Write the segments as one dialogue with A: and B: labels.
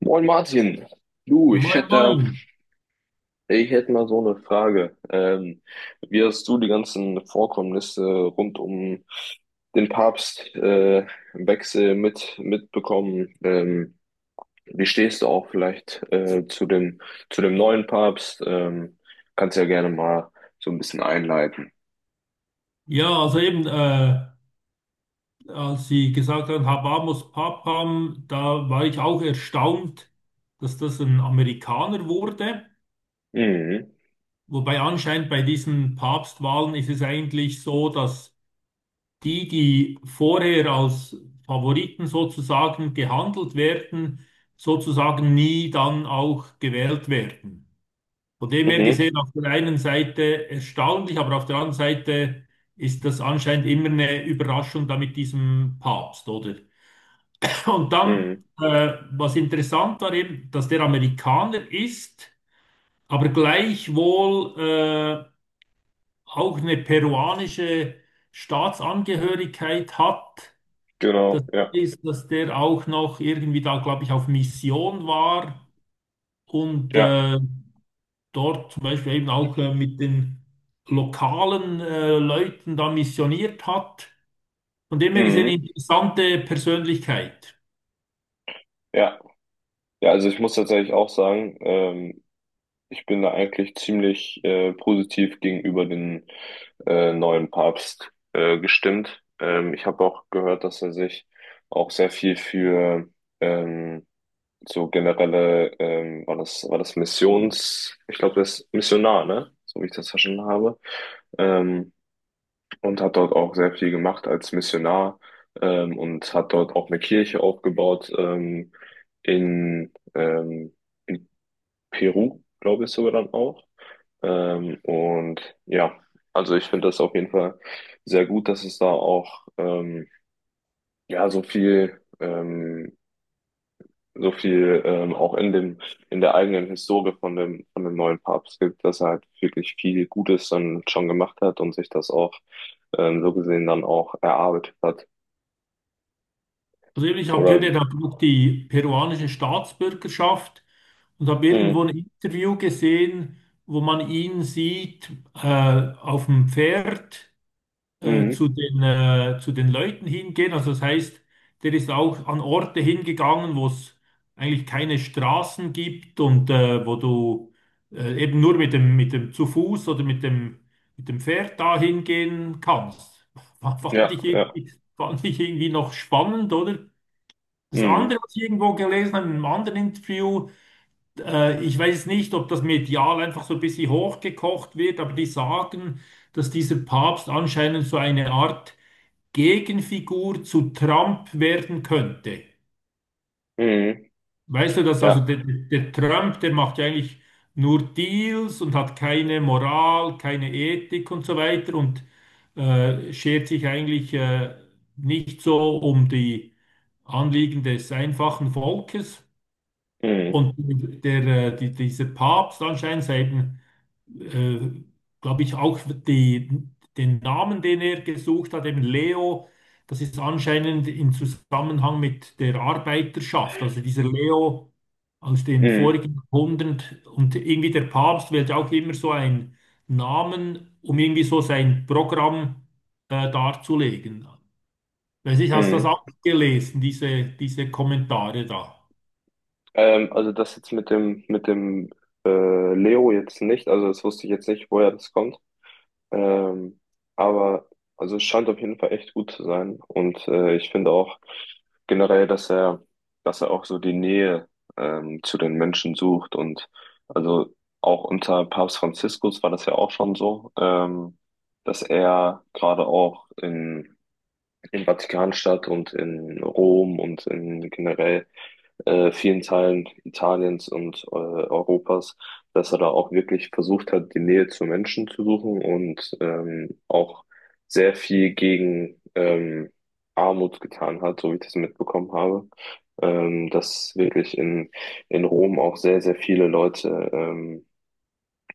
A: Moin Martin, du, ich
B: Moin,
A: hätte,
B: moin.
A: ich hätte mal so eine Frage. Wie hast du die ganzen Vorkommnisse rund um den Papst, Wechsel mitbekommen? Wie stehst du auch vielleicht zu zu dem neuen Papst? Kannst ja gerne mal so ein bisschen einleiten.
B: Ja, also eben, als Sie gesagt haben, Habamus Papam, da war ich auch erstaunt, dass das ein Amerikaner wurde.
A: Mhm.
B: Wobei anscheinend bei diesen Papstwahlen ist es eigentlich so, dass die vorher als Favoriten sozusagen gehandelt werden, sozusagen nie dann auch gewählt werden. Von dem her
A: Mhm.
B: gesehen, auf der einen Seite erstaunlich, aber auf der anderen Seite ist das anscheinend immer eine Überraschung da mit diesem Papst, oder? Und dann,
A: Mhm.
B: was interessant war eben, dass der Amerikaner ist, aber gleichwohl auch eine peruanische Staatsangehörigkeit hat. Das
A: Genau, ja.
B: ist, dass der auch noch irgendwie da, glaube ich, auf Mission war und
A: Ja.
B: dort zum Beispiel eben auch mit den lokalen Leuten da missioniert hat. Von dem her gesehen, eine
A: Mhm.
B: interessante Persönlichkeit.
A: Ja. Ja, also ich muss tatsächlich auch sagen, ich bin da eigentlich ziemlich positiv gegenüber den neuen Papst gestimmt. Ich habe auch gehört, dass er sich auch sehr viel für ähm, so generelle, war das Missions, ich glaube, das ist Missionar, ne? So wie ich das verstanden habe. Ähm, und hat dort auch sehr viel gemacht als Missionar und hat dort auch eine Kirche aufgebaut in, ähm, in Peru, glaube ich sogar dann auch. Und ja, also ich finde das auf jeden Fall sehr gut, dass es da auch ja so viel auch in dem in der eigenen Historie von dem neuen Papst gibt, dass er halt wirklich viel Gutes dann schon gemacht hat und sich das auch so gesehen dann auch erarbeitet hat.
B: Also eben, ich habe
A: Oder
B: gehört,
A: wie?
B: er hat auch die peruanische Staatsbürgerschaft und habe
A: Mhm.
B: irgendwo ein Interview gesehen, wo man ihn sieht äh, auf dem Pferd.
A: Mhm.
B: Zu zu den Leuten hingehen. Also das heißt, der ist auch an Orte hingegangen, wo es eigentlich keine Straßen gibt und wo du eben nur mit mit dem zu Fuß oder mit mit dem Pferd da hingehen kannst.
A: Ja, ja.
B: Fand ich irgendwie noch spannend, oder? Das andere,
A: Mhm.
B: was ich irgendwo gelesen habe, in einem anderen Interview, ich weiß nicht, ob das medial einfach so ein bisschen hochgekocht wird, aber die sagen, dass dieser Papst anscheinend so eine Art Gegenfigur zu Trump werden könnte.
A: Mhm.
B: Weißt du das? Also
A: Ja.
B: der Trump, der macht ja eigentlich nur Deals und hat keine Moral, keine Ethik und so weiter und schert sich eigentlich nicht so um die Anliegen des einfachen Volkes.
A: Mhm.
B: Und dieser Papst anscheinend, eben, äh, glaube ich, auch die, den Namen, den er gesucht hat, eben Leo, das ist anscheinend im Zusammenhang mit der Arbeiterschaft. Also dieser Leo aus den
A: Mhm.
B: vorigen Jahrhundert und irgendwie der Papst wählt ja auch immer so einen Namen, um irgendwie so sein Programm darzulegen. Weiß ich, hast du das
A: Mhm.
B: auch gelesen, diese Kommentare da?
A: Also das jetzt mit mit dem äh, Leo jetzt nicht, also das wusste ich jetzt nicht, woher das kommt. Ähm, aber also es scheint auf jeden Fall echt gut zu sein. Und ich finde auch generell, dass er auch so die Nähe zu den Menschen sucht. Und also auch unter Papst Franziskus war das ja auch schon so, dass er gerade auch in Vatikanstadt und in Rom und in generell vielen Teilen Italiens und Europas, dass er da auch wirklich versucht hat, die Nähe zu Menschen zu suchen und auch sehr viel gegen Armut getan hat, so wie ich das mitbekommen habe. Dass wirklich in Rom auch sehr, sehr viele Leute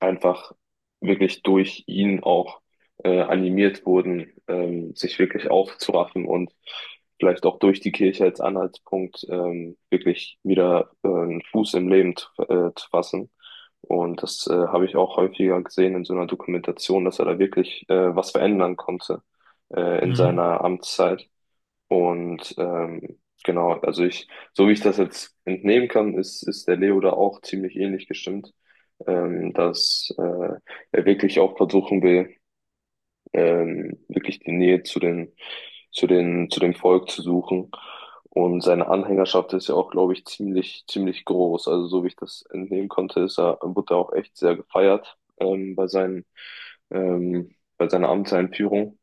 A: einfach wirklich durch ihn auch animiert wurden, sich wirklich aufzuraffen und vielleicht auch durch die Kirche als Anhaltspunkt wirklich wieder einen Fuß im Leben zu fassen. Und das habe ich auch häufiger gesehen in so einer Dokumentation, dass er da wirklich was verändern konnte in
B: Mhm.
A: seiner Amtszeit. Und genau, so wie ich das jetzt entnehmen kann, ist der Leo da auch ziemlich ähnlich gestimmt, dass er wirklich auch versuchen will, wirklich die Nähe zu zu dem Volk zu suchen. Und seine Anhängerschaft ist ja auch, glaube ich, ziemlich groß. Also so wie ich das entnehmen konnte, wurde er auch echt sehr gefeiert bei seiner Amtseinführung.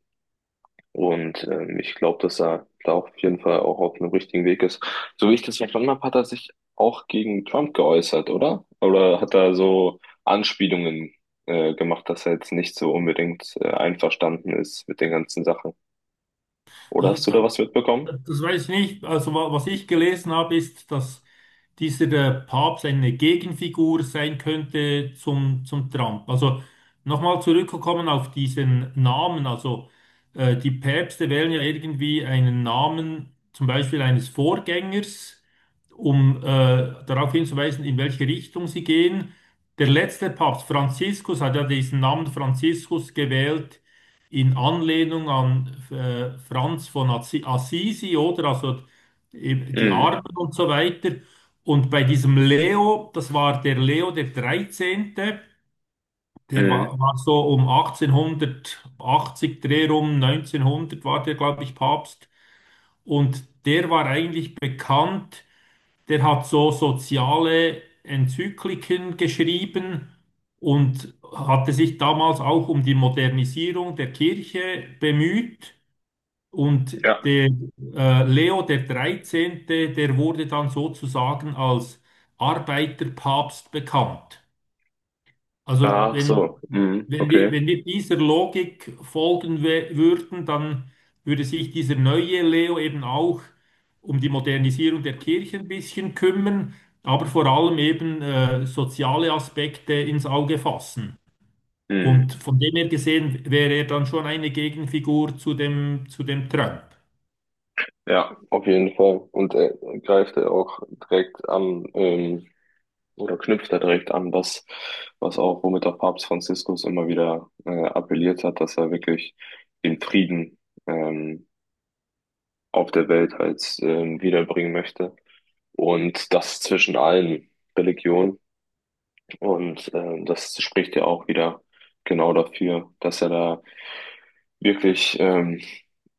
A: Und ich glaube, dass er da auf jeden Fall auch auf einem richtigen Weg ist. So wie ich das verstanden habe, hat er sich auch gegen Trump geäußert, oder? Oder hat er so Anspielungen gemacht, dass er jetzt nicht so unbedingt einverstanden ist mit den ganzen Sachen? Oder
B: Also,
A: hast du da was mitbekommen?
B: das weiß ich nicht. Also was ich gelesen habe, ist, dass dieser Papst eine Gegenfigur sein könnte zum Trump. Also nochmal zurückgekommen auf diesen Namen. Also die Päpste wählen ja irgendwie einen Namen, zum Beispiel eines Vorgängers, um darauf hinzuweisen, in welche Richtung sie gehen. Der letzte Papst, Franziskus, hat ja diesen Namen Franziskus gewählt in Anlehnung an Franz von Assisi, oder? Also eben die
A: Mhm.
B: Armen und so weiter. Und bei diesem Leo, das war der Leo der dreizehnte, der
A: Mhm.
B: war, war so um 1880 Dreh rum, 1900 war der, glaube ich, Papst. Und der war eigentlich bekannt, der hat so soziale Enzykliken geschrieben und hatte sich damals auch um die Modernisierung der Kirche bemüht. Und
A: Ja.
B: der Leo der dreizehnte, der wurde dann sozusagen als Arbeiterpapst bekannt. Also
A: Ach
B: wenn,
A: so. Mhm. Okay.
B: wenn wir dieser Logik folgen würden, dann würde sich dieser neue Leo eben auch um die Modernisierung der Kirche ein bisschen kümmern, aber vor allem eben soziale Aspekte ins Auge fassen.
A: Mhm.
B: Und von dem her gesehen wäre er dann schon eine Gegenfigur zu zu dem Trump.
A: Ja, auf jeden Fall. Und er greift er auch direkt an. Oder knüpft da direkt an, was auch, womit auch Papst Franziskus immer wieder appelliert hat, dass er wirklich den Frieden ähm, auf der Welt halt wiederbringen möchte. Und das zwischen allen Religionen. Und das spricht ja auch wieder genau dafür, dass er da wirklich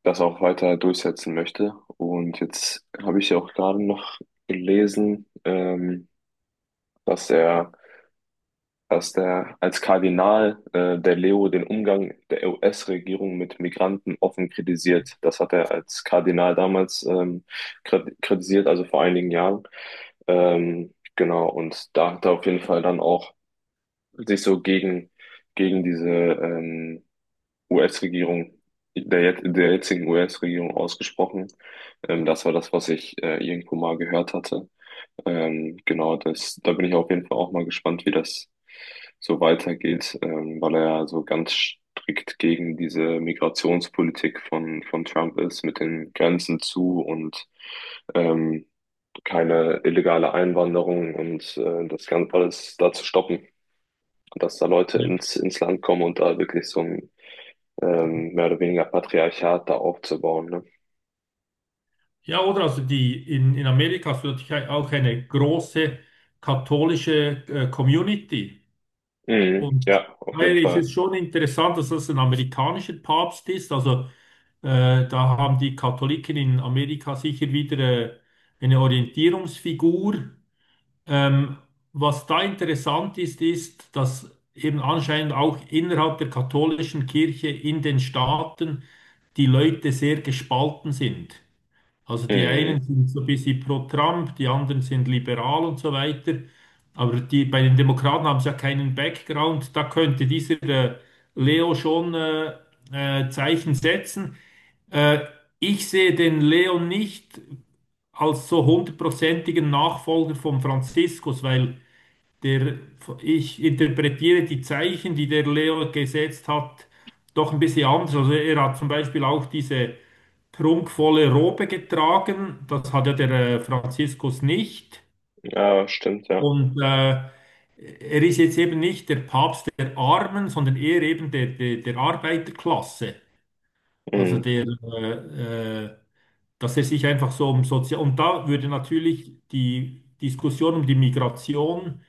A: das auch weiter durchsetzen möchte. Und jetzt habe ich ja auch gerade noch gelesen, dass er dass der als Kardinal der Leo den Umgang der US-Regierung mit Migranten offen kritisiert. Das hat er als Kardinal damals kritisiert, also vor einigen Jahren. Genau, und da hat er auf jeden Fall dann auch sich so gegen diese US-Regierung, der, jet- der jetzigen US-Regierung ausgesprochen. Das war das, was ich irgendwo mal gehört hatte. Genau, da bin ich auf jeden Fall auch mal gespannt, wie das so weitergeht, weil er ja so ganz strikt gegen diese Migrationspolitik von Trump ist, mit den Grenzen zu und ähm, keine illegale Einwanderung und das Ganze alles da zu stoppen, dass da Leute
B: Ja,
A: ins Land kommen und da wirklich so ein mehr oder weniger Patriarchat da aufzubauen, ne?
B: Ja, oder? Also in Amerika ist natürlich auch eine große katholische Community.
A: Mhm,
B: Und
A: ja, auf jeden
B: daher ist
A: Fall.
B: es schon interessant, dass das ein amerikanischer Papst ist. Also da haben die Katholiken in Amerika sicher wieder eine Orientierungsfigur. Ähm, was da interessant ist, ist, dass eben anscheinend auch innerhalb der katholischen Kirche in den Staaten die Leute sehr gespalten sind. Also die einen
A: Mhm,
B: sind so ein bisschen pro Trump, die anderen sind liberal und so weiter. Aber die, bei den Demokraten haben sie ja keinen Background. Da könnte dieser Leo schon Zeichen setzen. Äh, ich sehe den Leo nicht als so hundertprozentigen Nachfolger von Franziskus, weil der, ich interpretiere die Zeichen, die der Leo gesetzt hat, doch ein bisschen anders. Also er hat zum Beispiel auch diese prunkvolle Robe getragen, das hat ja der Franziskus nicht.
A: ja, stimmt, ja.
B: Und er ist jetzt eben nicht der Papst der Armen, sondern eher eben der Arbeiterklasse. Also
A: Mhm,
B: dass er sich einfach so um Sozial... Und da würde natürlich die Diskussion um die Migration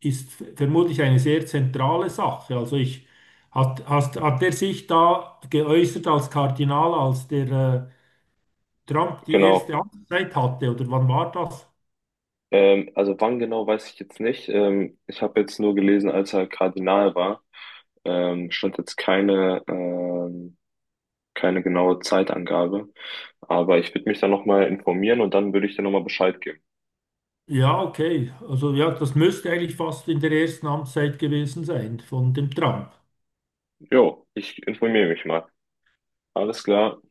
B: ist vermutlich eine sehr zentrale Sache. Also hat er sich da geäußert als Kardinal, als der Trump die erste
A: genau.
B: Amtszeit hatte, oder wann war das?
A: Also wann genau weiß ich jetzt nicht. Ich habe jetzt nur gelesen, als er Kardinal war. Stand jetzt keine genaue Zeitangabe. Aber ich würde mich dann nochmal informieren und dann würde ich dir nochmal Bescheid geben.
B: Ja, okay. Also ja, das müsste eigentlich fast in der ersten Amtszeit gewesen sein von dem Trump.
A: Jo, ich informiere mich mal. Alles klar.